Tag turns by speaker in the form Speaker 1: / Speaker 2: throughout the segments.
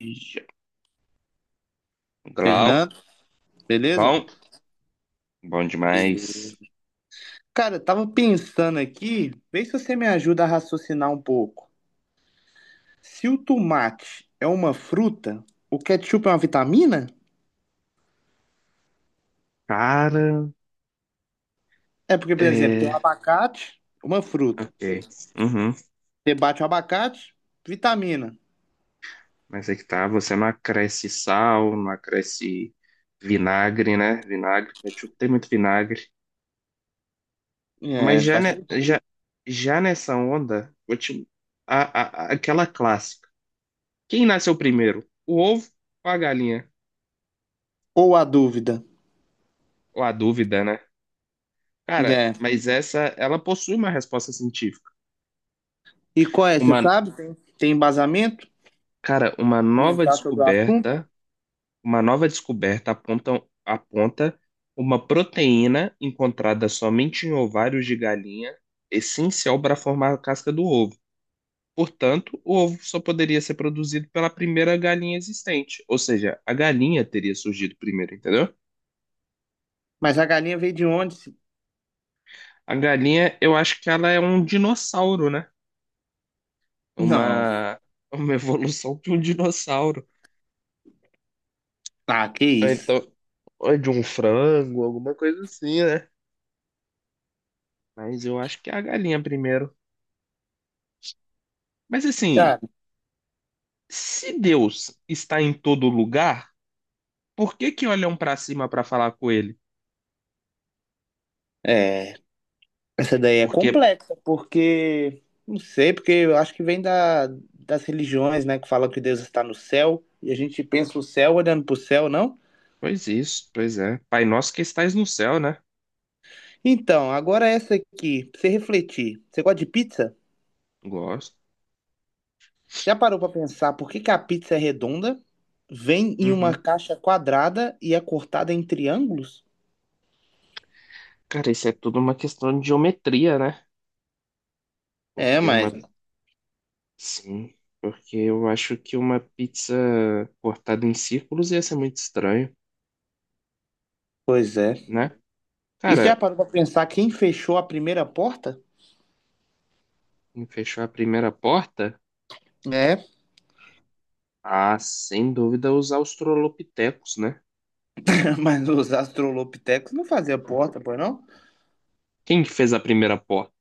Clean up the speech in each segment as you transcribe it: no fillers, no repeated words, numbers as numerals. Speaker 1: Já. Glauco,
Speaker 2: Fernando, beleza?
Speaker 1: bom, bom demais.
Speaker 2: Cara, eu tava pensando aqui, vê se você me ajuda a raciocinar um pouco. Se o tomate é uma fruta, o ketchup é uma vitamina?
Speaker 1: Cara,
Speaker 2: É porque, por exemplo, tem um
Speaker 1: é.
Speaker 2: abacate, uma fruta.
Speaker 1: Ok. Uhum.
Speaker 2: Você bate o abacate, vitamina.
Speaker 1: Mas é que tá, você não acresce sal, não acresce vinagre, né? Vinagre, ketchup tem muito vinagre. Mas
Speaker 2: É,
Speaker 1: já,
Speaker 2: faz
Speaker 1: ne-
Speaker 2: sentido.
Speaker 1: já, já nessa onda, vou te- a- aquela clássica. Quem nasceu primeiro? O ovo ou a galinha?
Speaker 2: Ou a dúvida.
Speaker 1: Ou a dúvida, né? Cara,
Speaker 2: É.
Speaker 1: mas essa, ela possui uma resposta científica.
Speaker 2: E qual é? Você
Speaker 1: Uma,
Speaker 2: sabe? Tem embasamento?
Speaker 1: cara, uma nova
Speaker 2: Comentar sobre o assunto?
Speaker 1: descoberta Uma nova descoberta aponta uma proteína encontrada somente em ovários de galinha, essencial para formar a casca do ovo. Portanto, o ovo só poderia ser produzido pela primeira galinha existente, ou seja, a galinha teria surgido primeiro, entendeu?
Speaker 2: Mas a galinha veio de onde?
Speaker 1: A galinha, eu acho que ela é um dinossauro, né?
Speaker 2: Não.
Speaker 1: Uma, uma evolução de um dinossauro.
Speaker 2: Ah, que
Speaker 1: Ou
Speaker 2: isso.
Speaker 1: então, ou de um frango, alguma coisa assim, né? Mas eu acho que é a galinha primeiro. Mas
Speaker 2: Cara,
Speaker 1: assim. Se Deus está em todo lugar, por que que olham para cima para falar com ele?
Speaker 2: é. Essa daí é
Speaker 1: Porque,
Speaker 2: complexa, porque não sei, porque eu acho que vem das religiões, né, que falam que Deus está no céu, e a gente pensa o céu olhando para o céu, não?
Speaker 1: pois isso, pois é. Pai nosso que estais no céu, né?
Speaker 2: Então, agora essa aqui, pra você refletir. Você gosta de pizza?
Speaker 1: Gosto.
Speaker 2: Você já parou para pensar por que que a pizza é redonda, vem em uma
Speaker 1: Uhum.
Speaker 2: caixa quadrada e é cortada em triângulos?
Speaker 1: Cara, isso é tudo uma questão de geometria, né?
Speaker 2: É,
Speaker 1: Porque
Speaker 2: mas
Speaker 1: uma. Sim, porque eu acho que uma pizza cortada em círculos ia ser muito estranho,
Speaker 2: pois é.
Speaker 1: né?
Speaker 2: E você já
Speaker 1: Cara,
Speaker 2: parou para pensar quem fechou a primeira porta?
Speaker 1: fechou a primeira porta?
Speaker 2: É,
Speaker 1: Ah, sem dúvida os australopitecos, né?
Speaker 2: mas os australopitecos não faziam porta, pois não?
Speaker 1: Quem que fez a primeira porta?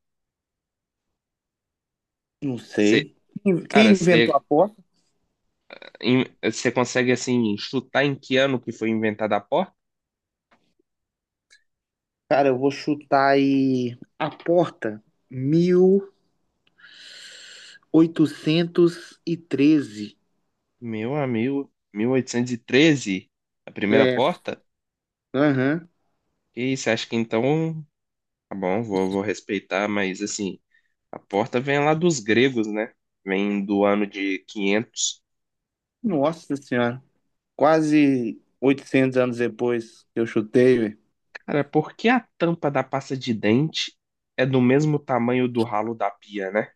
Speaker 2: Não
Speaker 1: Você,
Speaker 2: sei. Quem
Speaker 1: cara,
Speaker 2: inventou a
Speaker 1: você
Speaker 2: porta?
Speaker 1: Em- Você consegue, assim, chutar em que ano que foi inventada a porta?
Speaker 2: Cara, eu vou chutar aí a porta 1813.
Speaker 1: Meu amigo, 1813 a primeira
Speaker 2: É,
Speaker 1: porta?
Speaker 2: aham.
Speaker 1: Que isso, acho que então... Tá bom, vou respeitar, mas, assim, a porta vem lá dos gregos, né? Vem do ano de 500.
Speaker 2: Nossa senhora. Quase 800 anos depois que eu chutei, velho.
Speaker 1: Cara, por que a tampa da pasta de dente é do mesmo tamanho do ralo da pia, né?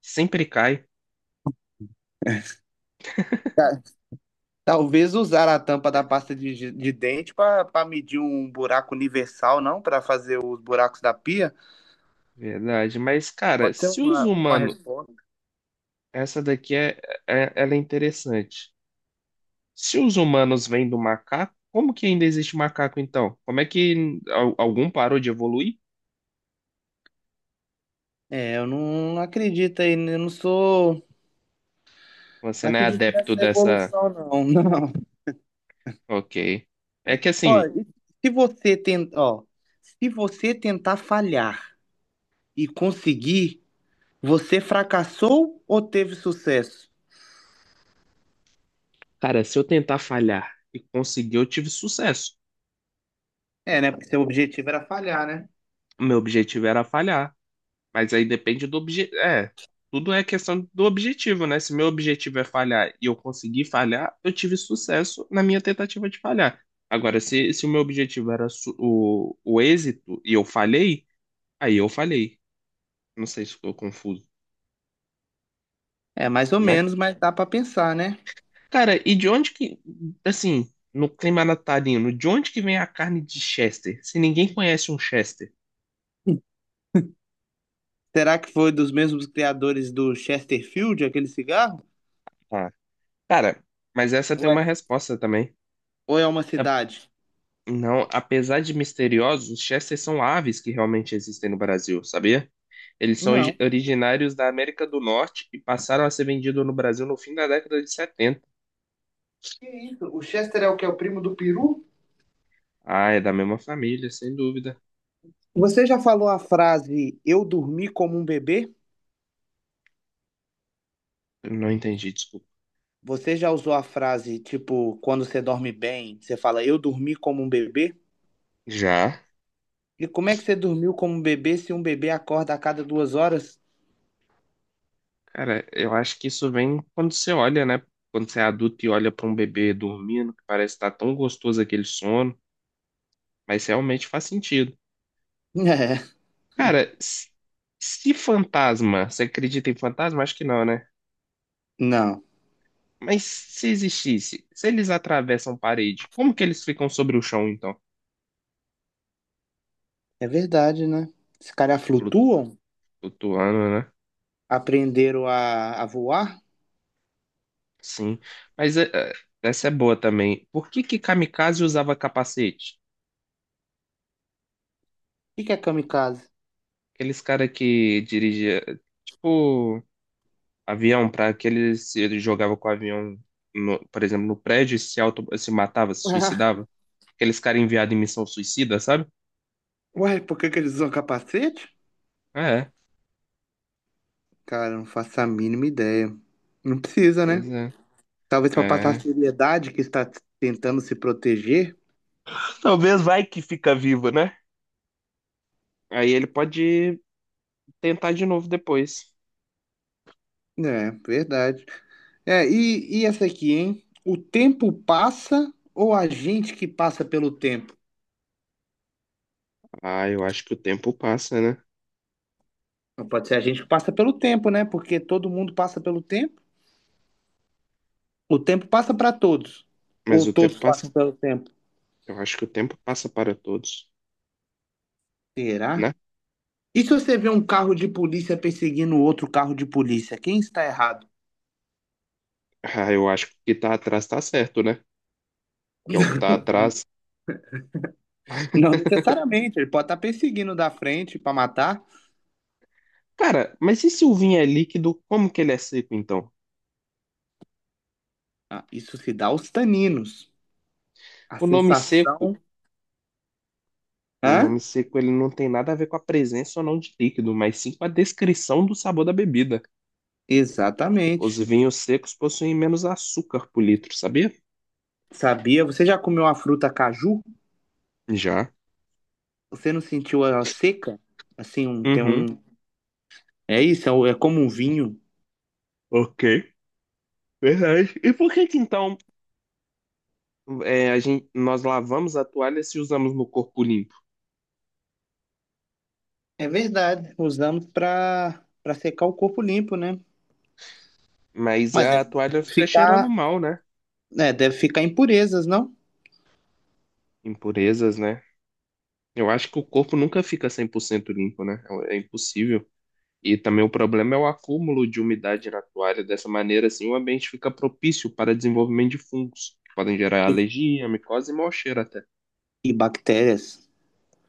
Speaker 1: Sempre cai.
Speaker 2: Ta- Talvez usar a tampa da pasta de dente para medir um buraco universal, não? Para fazer os buracos da pia?
Speaker 1: Verdade, mas, cara,
Speaker 2: Pode ser
Speaker 1: se os
Speaker 2: uma
Speaker 1: humanos...
Speaker 2: resposta.
Speaker 1: Essa daqui ela é interessante. Se os humanos vêm do macaco, como que ainda existe macaco então? Como é que algum parou de evoluir?
Speaker 2: É, eu não acredito aí, né? eu não sou
Speaker 1: Você
Speaker 2: Não
Speaker 1: não é
Speaker 2: acredito
Speaker 1: adepto
Speaker 2: nessa
Speaker 1: dessa.
Speaker 2: evolução, não, não.
Speaker 1: Ok. É que
Speaker 2: Ó,
Speaker 1: assim,
Speaker 2: e se você tentar, ó, se você tentar falhar e conseguir, você fracassou ou teve sucesso?
Speaker 1: cara, se eu tentar falhar e conseguir, eu tive sucesso.
Speaker 2: É, né? Porque seu objetivo era falhar, né?
Speaker 1: O meu objetivo era falhar, mas aí depende do objetivo. É, tudo é questão do objetivo, né? Se meu objetivo é falhar e eu conseguir falhar, eu tive sucesso na minha tentativa de falhar. Agora, se o meu objetivo era o êxito e eu falhei, aí eu falhei. Não sei se ficou confuso,
Speaker 2: É, mais ou
Speaker 1: né?
Speaker 2: menos, mas dá pra pensar, né?
Speaker 1: Cara, e de onde que, assim, no clima natalino, de onde que vem a carne de Chester? Se ninguém conhece um Chester.
Speaker 2: Será que foi dos mesmos criadores do Chesterfield, aquele cigarro?
Speaker 1: Ah, cara, mas essa tem
Speaker 2: Ou é,
Speaker 1: uma resposta também.
Speaker 2: ou é uma
Speaker 1: A-
Speaker 2: cidade?
Speaker 1: Não, apesar de misteriosos, os Chesters são aves que realmente existem no Brasil, sabia? Eles são origi-
Speaker 2: Não.
Speaker 1: originários da América do Norte e passaram a ser vendidos no Brasil no fim da década de 70.
Speaker 2: Que isso? O Chester é o que é o primo do peru?
Speaker 1: Ah, é da mesma família, sem dúvida.
Speaker 2: Você já falou a frase eu dormi como um bebê?
Speaker 1: Eu não entendi, desculpa.
Speaker 2: Você já usou a frase, tipo, quando você dorme bem, você fala, eu dormi como um bebê?
Speaker 1: Já.
Speaker 2: E como é que você dormiu como um bebê se um bebê acorda a cada 2 horas?
Speaker 1: Cara, eu acho que isso vem quando você olha, né? Quando você é adulto e olha pra um bebê dormindo, que parece estar tão gostoso aquele sono, mas realmente faz sentido.
Speaker 2: É,
Speaker 1: Cara, se fantasma, você acredita em fantasma? Acho que não, né?
Speaker 2: não.
Speaker 1: Mas se existisse, se eles atravessam parede, como que eles ficam sobre o chão, então?
Speaker 2: É verdade, né? Esses caras
Speaker 1: Flu-
Speaker 2: flutuam?
Speaker 1: Flutuando, né?
Speaker 2: Aprenderam a voar? O
Speaker 1: Sim. Mas essa é boa também. Por que que kamikaze usava capacete?
Speaker 2: que que é kamikaze?
Speaker 1: Aqueles cara que dirigia, tipo, avião, para aquele se ele jogava com o avião, por exemplo, no prédio e se matava, se suicidava. Aqueles caras enviados em missão suicida, sabe?
Speaker 2: Ué, por que que eles usam capacete?
Speaker 1: É,
Speaker 2: Cara, não faço a mínima ideia. Não precisa,
Speaker 1: pois
Speaker 2: né?
Speaker 1: é.
Speaker 2: Talvez para passar a
Speaker 1: É.
Speaker 2: seriedade que está tentando se proteger.
Speaker 1: Talvez vai que fica vivo, né? Aí ele pode tentar de novo depois.
Speaker 2: É, verdade. É, e essa aqui, hein? O tempo passa ou a gente que passa pelo tempo?
Speaker 1: Ah, eu acho que o tempo passa, né?
Speaker 2: Não pode ser a gente que passa pelo tempo, né? Porque todo mundo passa pelo tempo. O tempo passa para todos.
Speaker 1: Mas
Speaker 2: Ou
Speaker 1: o tempo
Speaker 2: todos
Speaker 1: passa.
Speaker 2: passam pelo tempo.
Speaker 1: Eu acho que o tempo passa para todos,
Speaker 2: Será?
Speaker 1: né?
Speaker 2: E se você vê um carro de polícia perseguindo outro carro de polícia, quem está errado?
Speaker 1: Ah, eu acho que o que tá atrás tá certo, né? Que é o que tá atrás.
Speaker 2: Não necessariamente, ele pode estar perseguindo da frente para matar.
Speaker 1: Cara, mas e se o vinho é líquido, como que ele é seco então?
Speaker 2: Ah, isso se dá aos taninos. A
Speaker 1: O nome seco
Speaker 2: sensação.
Speaker 1: Um
Speaker 2: Hã?
Speaker 1: nome seco ele não tem nada a ver com a presença ou não de líquido, mas sim com a descrição do sabor da bebida. Os
Speaker 2: Exatamente.
Speaker 1: vinhos secos possuem menos açúcar por litro, sabia?
Speaker 2: Sabia? Você já comeu a fruta caju?
Speaker 1: Já.
Speaker 2: Você não sentiu ela seca? Assim, um, tem
Speaker 1: Uhum.
Speaker 2: um. É isso, é, o- é como um vinho.
Speaker 1: Ok. Verdade. E por que que então nós lavamos a toalha se usamos no corpo limpo?
Speaker 2: É verdade. Usamos para secar o corpo limpo, né?
Speaker 1: Mas
Speaker 2: Mas
Speaker 1: a
Speaker 2: deve,
Speaker 1: toalha
Speaker 2: deve
Speaker 1: fica cheirando
Speaker 2: ficar,
Speaker 1: mal, né?
Speaker 2: né, deve ficar impurezas, não?
Speaker 1: Impurezas, né? Eu acho que o corpo nunca fica 100% limpo, né? É impossível. E também o problema é o acúmulo de umidade na toalha. Dessa maneira, assim, o ambiente fica propício para desenvolvimento de fungos, que podem gerar
Speaker 2: E,
Speaker 1: alergia, micose e mau cheiro até.
Speaker 2: e bactérias.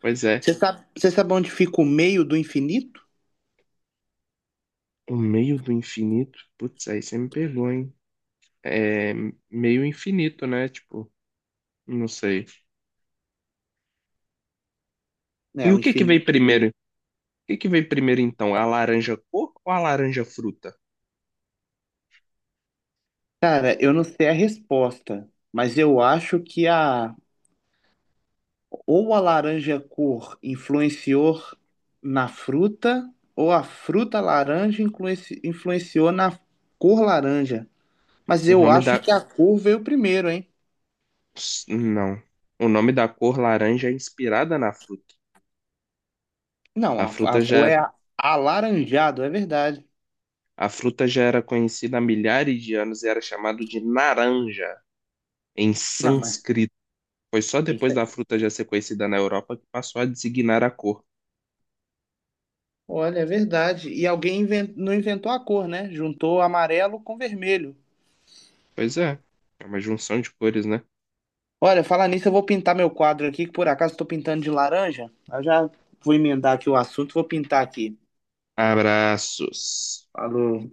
Speaker 1: Pois é,
Speaker 2: Você sabe onde fica o meio do infinito?
Speaker 1: o meio do infinito, putz, aí você me pegou, hein? É meio infinito, né? Tipo, não sei.
Speaker 2: É,
Speaker 1: E o
Speaker 2: o
Speaker 1: que que veio
Speaker 2: infinito.
Speaker 1: primeiro? O que que veio primeiro, então? A laranja cor ou a laranja fruta?
Speaker 2: Cara, eu não sei a resposta, mas eu acho que a Ou a laranja cor influenciou na fruta, ou a fruta laranja influenciou na cor laranja. Mas
Speaker 1: O
Speaker 2: eu
Speaker 1: nome
Speaker 2: acho que
Speaker 1: da...
Speaker 2: a cor veio primeiro, hein?
Speaker 1: Não. O nome da cor laranja é inspirada na fruta.
Speaker 2: Não,
Speaker 1: A
Speaker 2: a
Speaker 1: fruta
Speaker 2: cor
Speaker 1: já
Speaker 2: é a- alaranjado, é verdade.
Speaker 1: A fruta já era conhecida há milhares de anos e era chamado de naranja em
Speaker 2: Não, mas
Speaker 1: sânscrito. Foi só
Speaker 2: isso
Speaker 1: depois
Speaker 2: é-
Speaker 1: da fruta já ser conhecida na Europa que passou a designar a cor.
Speaker 2: Olha, é verdade. E alguém não inventou a cor, né? Juntou amarelo com vermelho.
Speaker 1: Pois é, é uma junção de cores, né?
Speaker 2: Olha, falar nisso, eu vou pintar meu quadro aqui, que por acaso estou pintando de laranja. Eu já vou emendar aqui o assunto, vou pintar aqui.
Speaker 1: Abraços.
Speaker 2: Falou.